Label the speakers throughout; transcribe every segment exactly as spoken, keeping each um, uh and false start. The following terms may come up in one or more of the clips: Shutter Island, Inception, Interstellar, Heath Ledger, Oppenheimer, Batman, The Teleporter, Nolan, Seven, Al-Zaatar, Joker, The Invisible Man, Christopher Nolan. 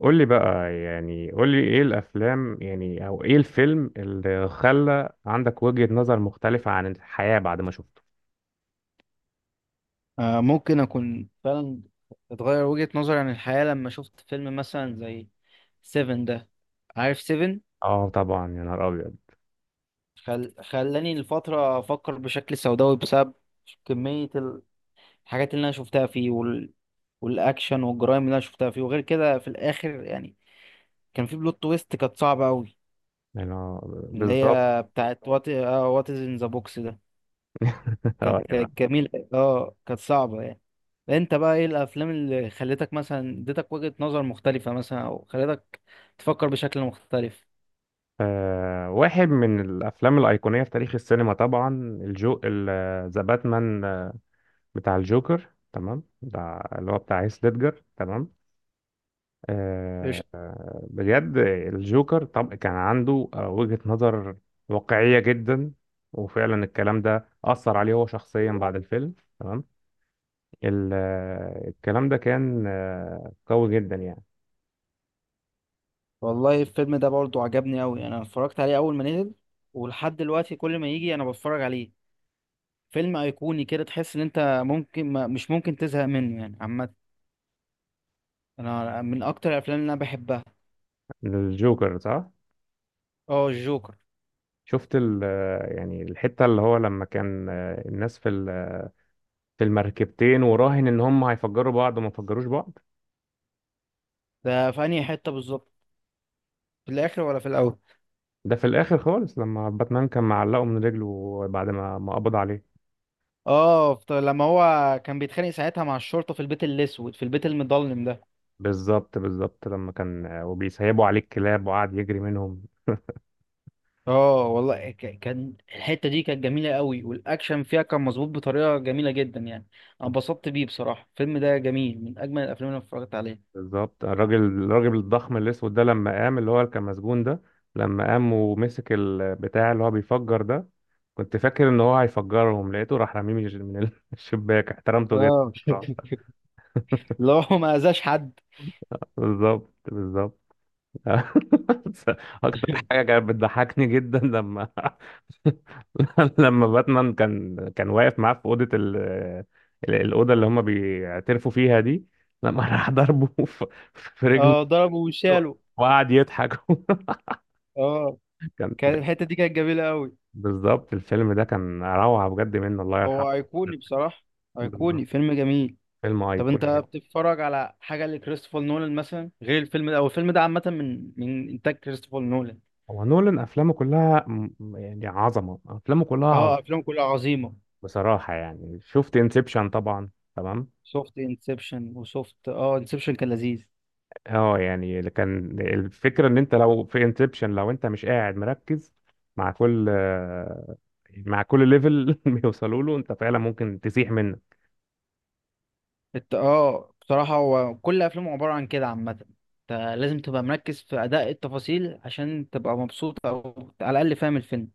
Speaker 1: قول لي بقى يعني قول لي ايه الافلام يعني او ايه الفيلم اللي خلى عندك وجهة نظر مختلفة عن الحياة بعد ما شفته.
Speaker 2: آه، ممكن اكون فعلا اتغير وجهة نظري عن الحياة لما شفت فيلم مثلا زي سيفن ده. عارف سيفن؟
Speaker 1: اه طبعا، يا نهار ابيض.
Speaker 2: خل... خلاني لفترة افكر بشكل سوداوي بسبب كمية ال- الحاجات اللي انا شفتها فيه وال... والاكشن والجرائم اللي انا شفتها فيه، وغير كده في الاخر يعني كان في بلوت تويست كانت صعبة قوي،
Speaker 1: انا
Speaker 2: اللي
Speaker 1: بالظبط.
Speaker 2: هي بتاعت وات وات از ان ذا بوكس ده.
Speaker 1: اه
Speaker 2: كانت
Speaker 1: يعني.
Speaker 2: كانت جميلة، اه كانت صعبة يعني. انت بقى ايه الافلام اللي خلتك مثلا اديتك وجهة نظر مختلفة مثلا، او خلتك تفكر بشكل مختلف؟
Speaker 1: آه، واحد من الافلام الايقونية في تاريخ السينما طبعا الجو، ذا باتمان بتاع الجوكر تمام ده، اللي هو بتاع هيث ليدجر. تمام. آه،
Speaker 2: قشطة.
Speaker 1: آه، بجد الجوكر طب كان عنده آه، وجهة نظر واقعية جدا. وفعلا الكلام ده أثر عليه هو شخصيا بعد الفيلم. تمام. ال- آه، الكلام ده كان آه، قوي جدا يعني.
Speaker 2: والله الفيلم ده برضه عجبني قوي، انا اتفرجت عليه اول ما نزل ولحد دلوقتي كل ما يجي انا بتفرج عليه، فيلم ايقوني كده تحس ان انت ممكن ما مش ممكن تزهق منه يعني. عامة انا من اكتر الافلام اللي انا بحبها.
Speaker 1: الجوكر صح.
Speaker 2: اه الجوكر.
Speaker 1: شفت ال آه، يعني الحتة اللي هو لما كان آه، الناس في ال- في المركبتين، وراهن ان هم هيفجروا بعض وما فجروش بعض.
Speaker 2: ده في انهي حتة بالظبط؟ في الاخر ولا في الاول؟
Speaker 1: ده في الاخر خالص لما باتمان كان معلقه من رجله بعد ما ما قبض عليه.
Speaker 2: اه فت- لما هو كان بيتخانق ساعتها مع الشرطة في البيت الأسود، في البيت المظلم ده.
Speaker 1: بالظبط بالظبط، لما كان وبيسيبوا عليه الكلاب وقعد يجري منهم.
Speaker 2: اه والله، ك- كان الحتة دي كانت جميلة قوي، والأكشن فيها كان مظبوط بطريقة جميلة جدا يعني. أنا اتبسطت بيه بصراحة، الفيلم ده جميل من أجمل الأفلام اللي أنا اتفرجت عليها.
Speaker 1: بالظبط، الراجل الراجل الضخم الاسود ده لما قام، اللي هو اللي كان مسجون ده، لما قام ومسك البتاع اللي هو بيفجر ده، كنت فاكر ان هو هيفجرهم، لقيته راح رميه من الش- من ال- الشباك. احترمته جدا
Speaker 2: اه.
Speaker 1: بصراحة.
Speaker 2: اللي هو ما أذاش حد.
Speaker 1: بالظبط بالظبط. اكتر حاجة كانت بتضحكني جدا لما لما باتمان كان كان واقف معاه في اوضه ال... ال- الاوضه اللي هم بيعترفوا فيها دي، لما راح ضربه في في رجله،
Speaker 2: اه ضربه وشاله.
Speaker 1: وقعد يضحك.
Speaker 2: اه.
Speaker 1: كان
Speaker 2: كان
Speaker 1: كان-
Speaker 2: الحتة دي كانت جميلة قوي.
Speaker 1: بالظبط، الفيلم ده كان روعه بجد، منه الله يرحمه.
Speaker 2: هو أيقوني بصراحة، أيقوني
Speaker 1: بالظبط،
Speaker 2: فيلم جميل.
Speaker 1: فيلم
Speaker 2: طب انت
Speaker 1: ايقوني جدا.
Speaker 2: بتتفرج على حاجه لكريستوفر نولان مثلا غير الفيلم ده؟ او الفيلم ده عامه من من انتاج كريستوفر نولان.
Speaker 1: هو نولان افلامه كلها م- يعني عظمه، افلامه كلها
Speaker 2: اه
Speaker 1: عظمه.
Speaker 2: افلام كلها عظيمه.
Speaker 1: بصراحه يعني شفت انسبشن طبعا. تمام.
Speaker 2: سوفت انسبشن وسوفت اه انسبشن كان لذيذ.
Speaker 1: اه يعني اللي كان الفكره ان انت لو في انسبشن، لو انت مش قاعد مركز مع كل مع كل ليفل بيوصلوا له، انت فعلا ممكن تسيح منه.
Speaker 2: الت... اه بصراحه هو كل افلامه عباره عن كده عامه. انت لازم تبقى مركز في اداء التفاصيل عشان تبقى مبسوط، او على الاقل فاهم الفيلم.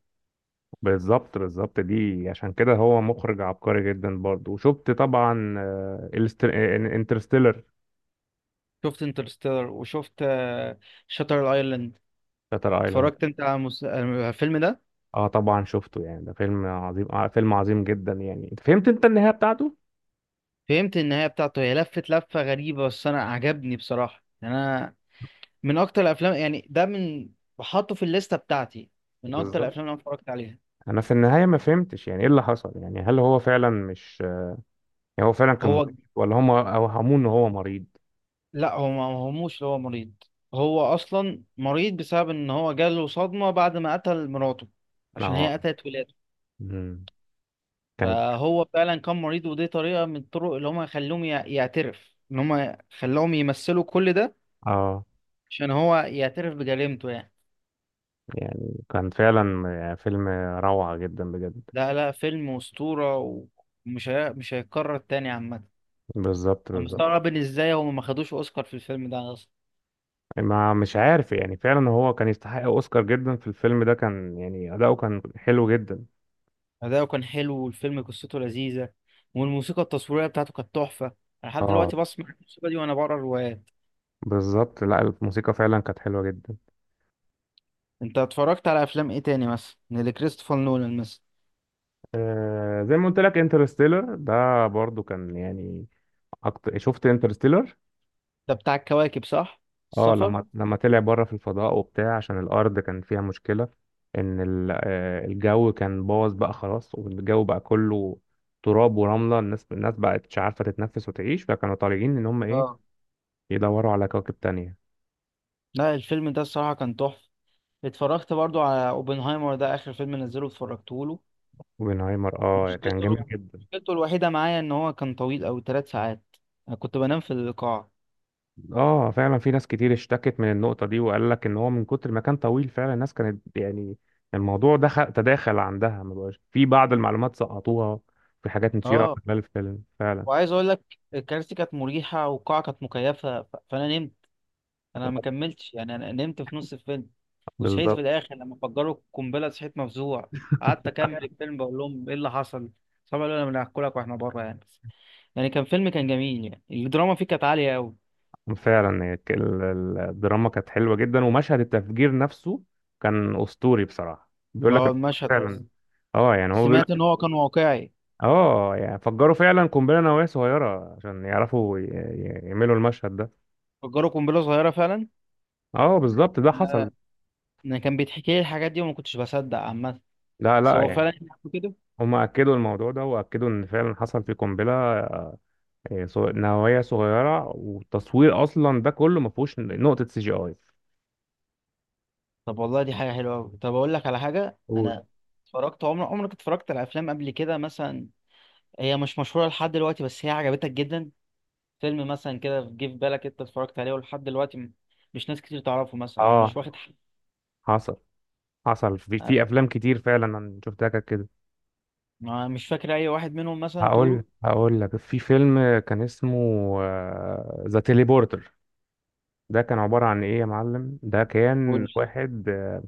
Speaker 1: بالظبط بالظبط، دي عشان كده هو مخرج عبقري جدا برضه. وشفت طبعا انترستيلر،
Speaker 2: شفت انترستيلر وشفت شاتر ايلاند.
Speaker 1: شاتر ايلاند.
Speaker 2: اتفرجت انت على المس... على الفيلم ده؟
Speaker 1: اه طبعا شفته، يعني ده فيلم عظيم، آه فيلم عظيم جدا يعني. انت فهمت انت النهايه بتاعته؟
Speaker 2: فهمت النهايه بتاعته، هي لفت لفه غريبه بس انا عجبني بصراحه يعني. انا من اكتر الافلام يعني، ده من بحطه في الليسته بتاعتي، من اكتر
Speaker 1: بالظبط.
Speaker 2: الافلام اللي انا اتفرجت عليها.
Speaker 1: انا في النهايه ما فهمتش يعني ايه اللي حصل، يعني هل هو فعلا مش، يعني هو فعلا كان
Speaker 2: هو
Speaker 1: مريض ولا هم اوهموه ان هو مريض؟
Speaker 2: لا هو ما هموش اللي هو مريض، هو اصلا مريض بسبب ان هو جاله صدمه بعد ما قتل مراته عشان هي
Speaker 1: اه.
Speaker 2: قتلت ولاده.
Speaker 1: مم. كانت.
Speaker 2: فهو فعلا كان مريض، ودي طريقه من الطرق اللي هم خلوهم يع- يعترف، ان هم خلوهم يمثلوا كل ده
Speaker 1: اه
Speaker 2: عشان هو يعترف بجريمته يعني.
Speaker 1: يعني كان فعلا يعني فيلم روعة جدا بجد.
Speaker 2: لا لا فيلم اسطوره، ومش هي... مش هيتكرر تاني عامه.
Speaker 1: بالظبط
Speaker 2: انا
Speaker 1: بالظبط.
Speaker 2: مستغرب ان ازاي هم ما خدوش اوسكار في الفيلم ده اصلا.
Speaker 1: ما مش عارف يعني، فعلا هو كان يستحق اوسكار جدا في الفيلم ده، كان يعني اداؤه كان حلو جدا.
Speaker 2: أداؤه كان حلو، والفيلم قصته لذيذة، والموسيقى التصويرية بتاعته كانت تحفة. أنا لحد
Speaker 1: اه
Speaker 2: دلوقتي بسمع الموسيقى دي وأنا بقرا روايات.
Speaker 1: بالظبط، لا الموسيقى فعلا كانت حلوة جدا.
Speaker 2: أنت اتفرجت على أفلام إيه تاني مثلا؟ اللي كريستوفر نولان مثلا.
Speaker 1: آه زي ما قلت لك انترستيلر ده برضو كان يعني أكتر، شفت انترستيلر.
Speaker 2: ده بتاع الكواكب صح؟
Speaker 1: اه
Speaker 2: السفر؟
Speaker 1: لما لما طلع بره في الفضاء وبتاع، عشان الارض كان فيها مشكله ان ال- آه، الجو كان باظ بقى خلاص، والجو بقى كله تراب ورمله، الناس الناس بقت مش عارفه تتنفس وتعيش، فكانوا طالعين ان هم ايه،
Speaker 2: اه.
Speaker 1: يدوروا على كواكب تانية.
Speaker 2: لا الفيلم ده الصراحة كان تحفة. اتفرجت برضو على اوبنهايمر ده، آخر فيلم نزله اتفرجته له.
Speaker 1: اوبنهايمر اه كان
Speaker 2: مشكلته
Speaker 1: جميل
Speaker 2: الوحيدة،
Speaker 1: جدا.
Speaker 2: مشكلته الوحيدة معايا إن هو كان طويل أوي تلات ساعات. أنا كنت بنام في القاعة.
Speaker 1: اه فعلا، في ناس كتير اشتكت من النقطه دي، وقال لك ان هو من كتر ما كان طويل فعلا الناس كانت يعني الموضوع دخل تداخل عندها، ما بقاش في، بعض المعلومات سقطوها، في حاجات نسيوها
Speaker 2: اه،
Speaker 1: في خلال الفيلم فعلا.
Speaker 2: وعايز أقول لك الكراسي كانت مريحة والقاعة كانت مكيفة، ف- فأنا نمت. انا ما كملتش يعني، انا نمت في نص الفيلم وصحيت في
Speaker 1: بالظبط
Speaker 2: الاخر لما فجروا القنبله، صحيت مفزوع. قعدت اكمل الفيلم بقول لهم ايه اللي حصل، طبعا قالوا لنا بناكلك واحنا بره يعني. بس يعني كان فيلم كان جميل يعني، الدراما فيه كانت عاليه قوي.
Speaker 1: فعلا، هي ك- ال- ال- الدراما كانت حلوة جدا، ومشهد التفجير نفسه كان أسطوري بصراحة، بيقول لك
Speaker 2: اه
Speaker 1: إن هو
Speaker 2: المشهد
Speaker 1: فعلا،
Speaker 2: اصلا.
Speaker 1: اه يعني هو بيقول
Speaker 2: سمعت ان
Speaker 1: لك،
Speaker 2: هو كان واقعي.
Speaker 1: اه يعني فجروا فعلا قنبلة نووية صغيرة عشان يعرفوا ي- ي- يعملوا المشهد ده.
Speaker 2: فجروا قنبله صغيره فعلا.
Speaker 1: اه بالظبط، ده حصل.
Speaker 2: آه، انا كان بيتحكي لي الحاجات دي وما كنتش بصدق عامه.
Speaker 1: لا
Speaker 2: بس
Speaker 1: لا
Speaker 2: هو
Speaker 1: يعني،
Speaker 2: فعلا يحكوا كده.
Speaker 1: هم أكدوا الموضوع ده، وأكدوا إن فعلا حصل في قنبلة، آه، آه، صغ- نووية صغيرة، والتصوير أصلا ده كله ما فيهوش نقطة سي جي آي.
Speaker 2: طب والله دي حاجه حلوه قوي. طب اقول لك على حاجه،
Speaker 1: قول.
Speaker 2: انا اتفرجت عمر عمرك اتفرجت على افلام قبل كده مثلا، هي مش مشهورة لحد دلوقتي بس هي عجبتك جدا؟ فيلم مثلا كده جه في بالك انت اتفرجت عليه ولحد دلوقتي م- مش ناس كتير تعرفه مثلا، او
Speaker 1: اه
Speaker 2: مش واخد حق؟
Speaker 1: حصل، حصل في في أفلام كتير فعلا أنا شفتها كانت كده.
Speaker 2: ما- مش فاكر اي واحد منهم مثلا تقوله؟
Speaker 1: هقول هقول لك، في فيلم كان اسمه ذا تيليبورتر، ده كان عبارة عن ايه يا معلم، ده
Speaker 2: قول
Speaker 1: كان
Speaker 2: لي.
Speaker 1: واحد آه،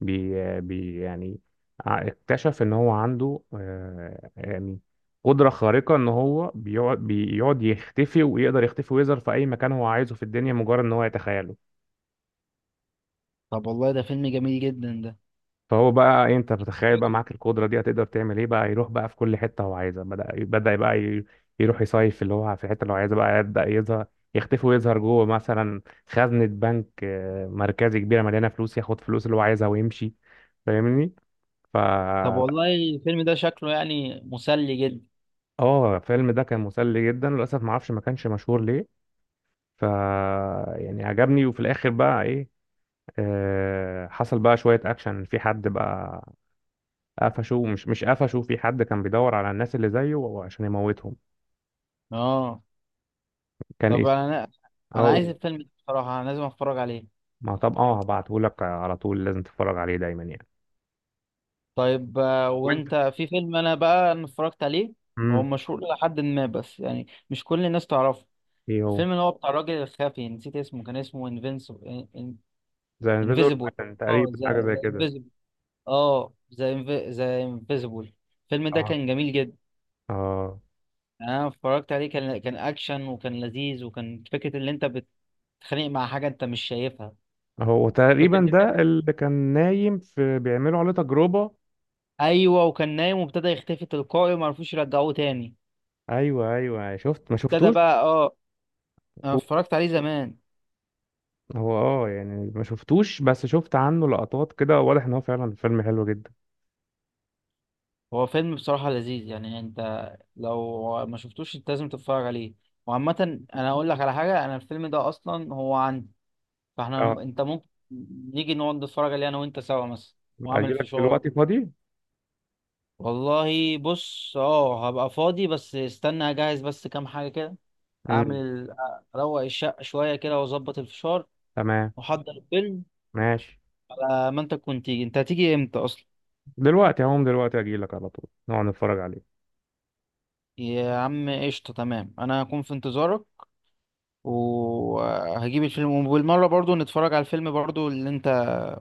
Speaker 1: بي, آه، بي يعني، ع- اكتشف ان هو عنده آه، يعني قدرة خارقة، ان هو بيقعد بيقعد يختفي، ويقدر يختفي ويظهر في اي مكان هو عايزه في الدنيا، مجرد ان هو يتخيله.
Speaker 2: طب والله ده فيلم جميل جدا ده.
Speaker 1: فهو بقى إيه، انت بتخيل بقى
Speaker 2: فكره.
Speaker 1: معاك القدره دي، هتقدر تعمل ايه بقى؟ يروح بقى في كل حته هو عايزها، بدا بدا بقى ي- يروح يصيف في اللي هو في الحته اللي هو عايزها، بقى يبدا يظهر، يختفي ويظهر جوه مثلا خزنه بنك آه، مركزي كبيره مليانه فلوس، ياخد فلوس اللي هو عايزها ويمشي. فاهمني؟ ف،
Speaker 2: طب والله الفيلم ده شكله يعني مسلي جدا.
Speaker 1: اه الفيلم ده كان مسلي جدا، للاسف ما اعرفش ما كانش مشهور ليه. ف يعني عجبني. وفي الاخر بقى ايه، آه، حصل بقى شويه اكشن، في حد بقى قفشوه، مش مش قفشوه، في حد كان بيدور على الناس اللي زيه عشان يموتهم.
Speaker 2: اه.
Speaker 1: كان
Speaker 2: طب
Speaker 1: اسم.
Speaker 2: انا،
Speaker 1: اه
Speaker 2: انا عايز
Speaker 1: قول.
Speaker 2: الفيلم ده بصراحة، انا لازم اتفرج عليه.
Speaker 1: ما طب اه هبعته لك على طول، لازم تتفرج عليه دايما يعني.
Speaker 2: طيب آه،
Speaker 1: وانت.
Speaker 2: وانت في فيلم، انا بقى انا اتفرجت عليه، هو
Speaker 1: امم.
Speaker 2: مشهور لحد ما بس يعني مش كل الناس تعرفه.
Speaker 1: ايه هو؟
Speaker 2: الفيلم اللي هو بتاع الراجل الخفي نسيت اسمه، كان اسمه انفينسيبل.
Speaker 1: زي انفيزور
Speaker 2: انفيزيبل.
Speaker 1: مان
Speaker 2: اه
Speaker 1: تقريبا،
Speaker 2: ذا
Speaker 1: حاجه زي
Speaker 2: ذا
Speaker 1: كده.
Speaker 2: انفيزيبل. اه ذا ذا انفيزيبل. الفيلم ده
Speaker 1: اه
Speaker 2: كان جميل جدا.
Speaker 1: اه.
Speaker 2: يعني انا اتفرجت عليه، كان كان اكشن وكان لذيذ، وكان فكره اللي انت بتتخانق مع حاجه انت مش شايفها.
Speaker 1: هو
Speaker 2: فكره
Speaker 1: تقريبا
Speaker 2: دي كانت،
Speaker 1: ده اللي كان نايم في بيعملوا عليه تجربه.
Speaker 2: ايوه، وكان نايم وابتدى يختفي تلقائي وما عرفوش يرجعوه تاني.
Speaker 1: ايوه ايوه أيوه. شفت ما
Speaker 2: وابتدى
Speaker 1: شفتوش؟
Speaker 2: بقى، اه انا
Speaker 1: هو
Speaker 2: اتفرجت عليه زمان.
Speaker 1: هو، اه يعني ما شفتوش، بس شفت عنه لقطات كده، واضح ان هو فعلا فيلم حلو جدا.
Speaker 2: هو فيلم بصراحه لذيذ يعني، انت لو ما شفتوش انت لازم تتفرج عليه. وعامة انا اقول لك على حاجة، انا الفيلم ده اصلا هو عندي، فاحنا
Speaker 1: اه.
Speaker 2: م- انت ممكن نيجي نقعد نتفرج عليه انا وانت سوا مثلا، واعمل
Speaker 1: اجيلك
Speaker 2: فشار.
Speaker 1: دلوقتي فاضي؟
Speaker 2: والله بص، اه هبقى فاضي بس استنى اجهز بس كام حاجة كده. اعمل
Speaker 1: امم.
Speaker 2: ال- اروق الشقة شوية كده واظبط الفشار
Speaker 1: تمام.
Speaker 2: واحضر الفيلم.
Speaker 1: ماشي.
Speaker 2: على ما انت تكون تيجي، انت هتيجي امتى اصلا؟
Speaker 1: دلوقتي هقوم دلوقتي، اجي لك على طول، نقعد نتفرج عليه.
Speaker 2: يا عم قشطة، تمام انا هكون في انتظارك وهجيب الفيلم، وبالمرة برضو نتفرج على الفيلم برضو اللي انت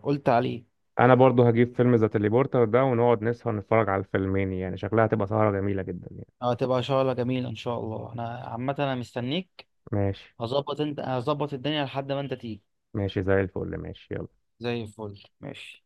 Speaker 2: قلت عليه.
Speaker 1: انا برضو هجيب فيلم ذا تليبورتر ده، ونقعد نسهر نتفرج على الفيلمين يعني، شكلها هتبقى سهرة جميلة جدا يعني.
Speaker 2: اه تبقى شغلة جميلة ان شاء الله، انا عامة انا مستنيك.
Speaker 1: ماشي
Speaker 2: هظبط انت هظبط الدنيا لحد ما انت تيجي.
Speaker 1: ماشي، زي الفل ماشي، يلا.
Speaker 2: زي الفل ماشي.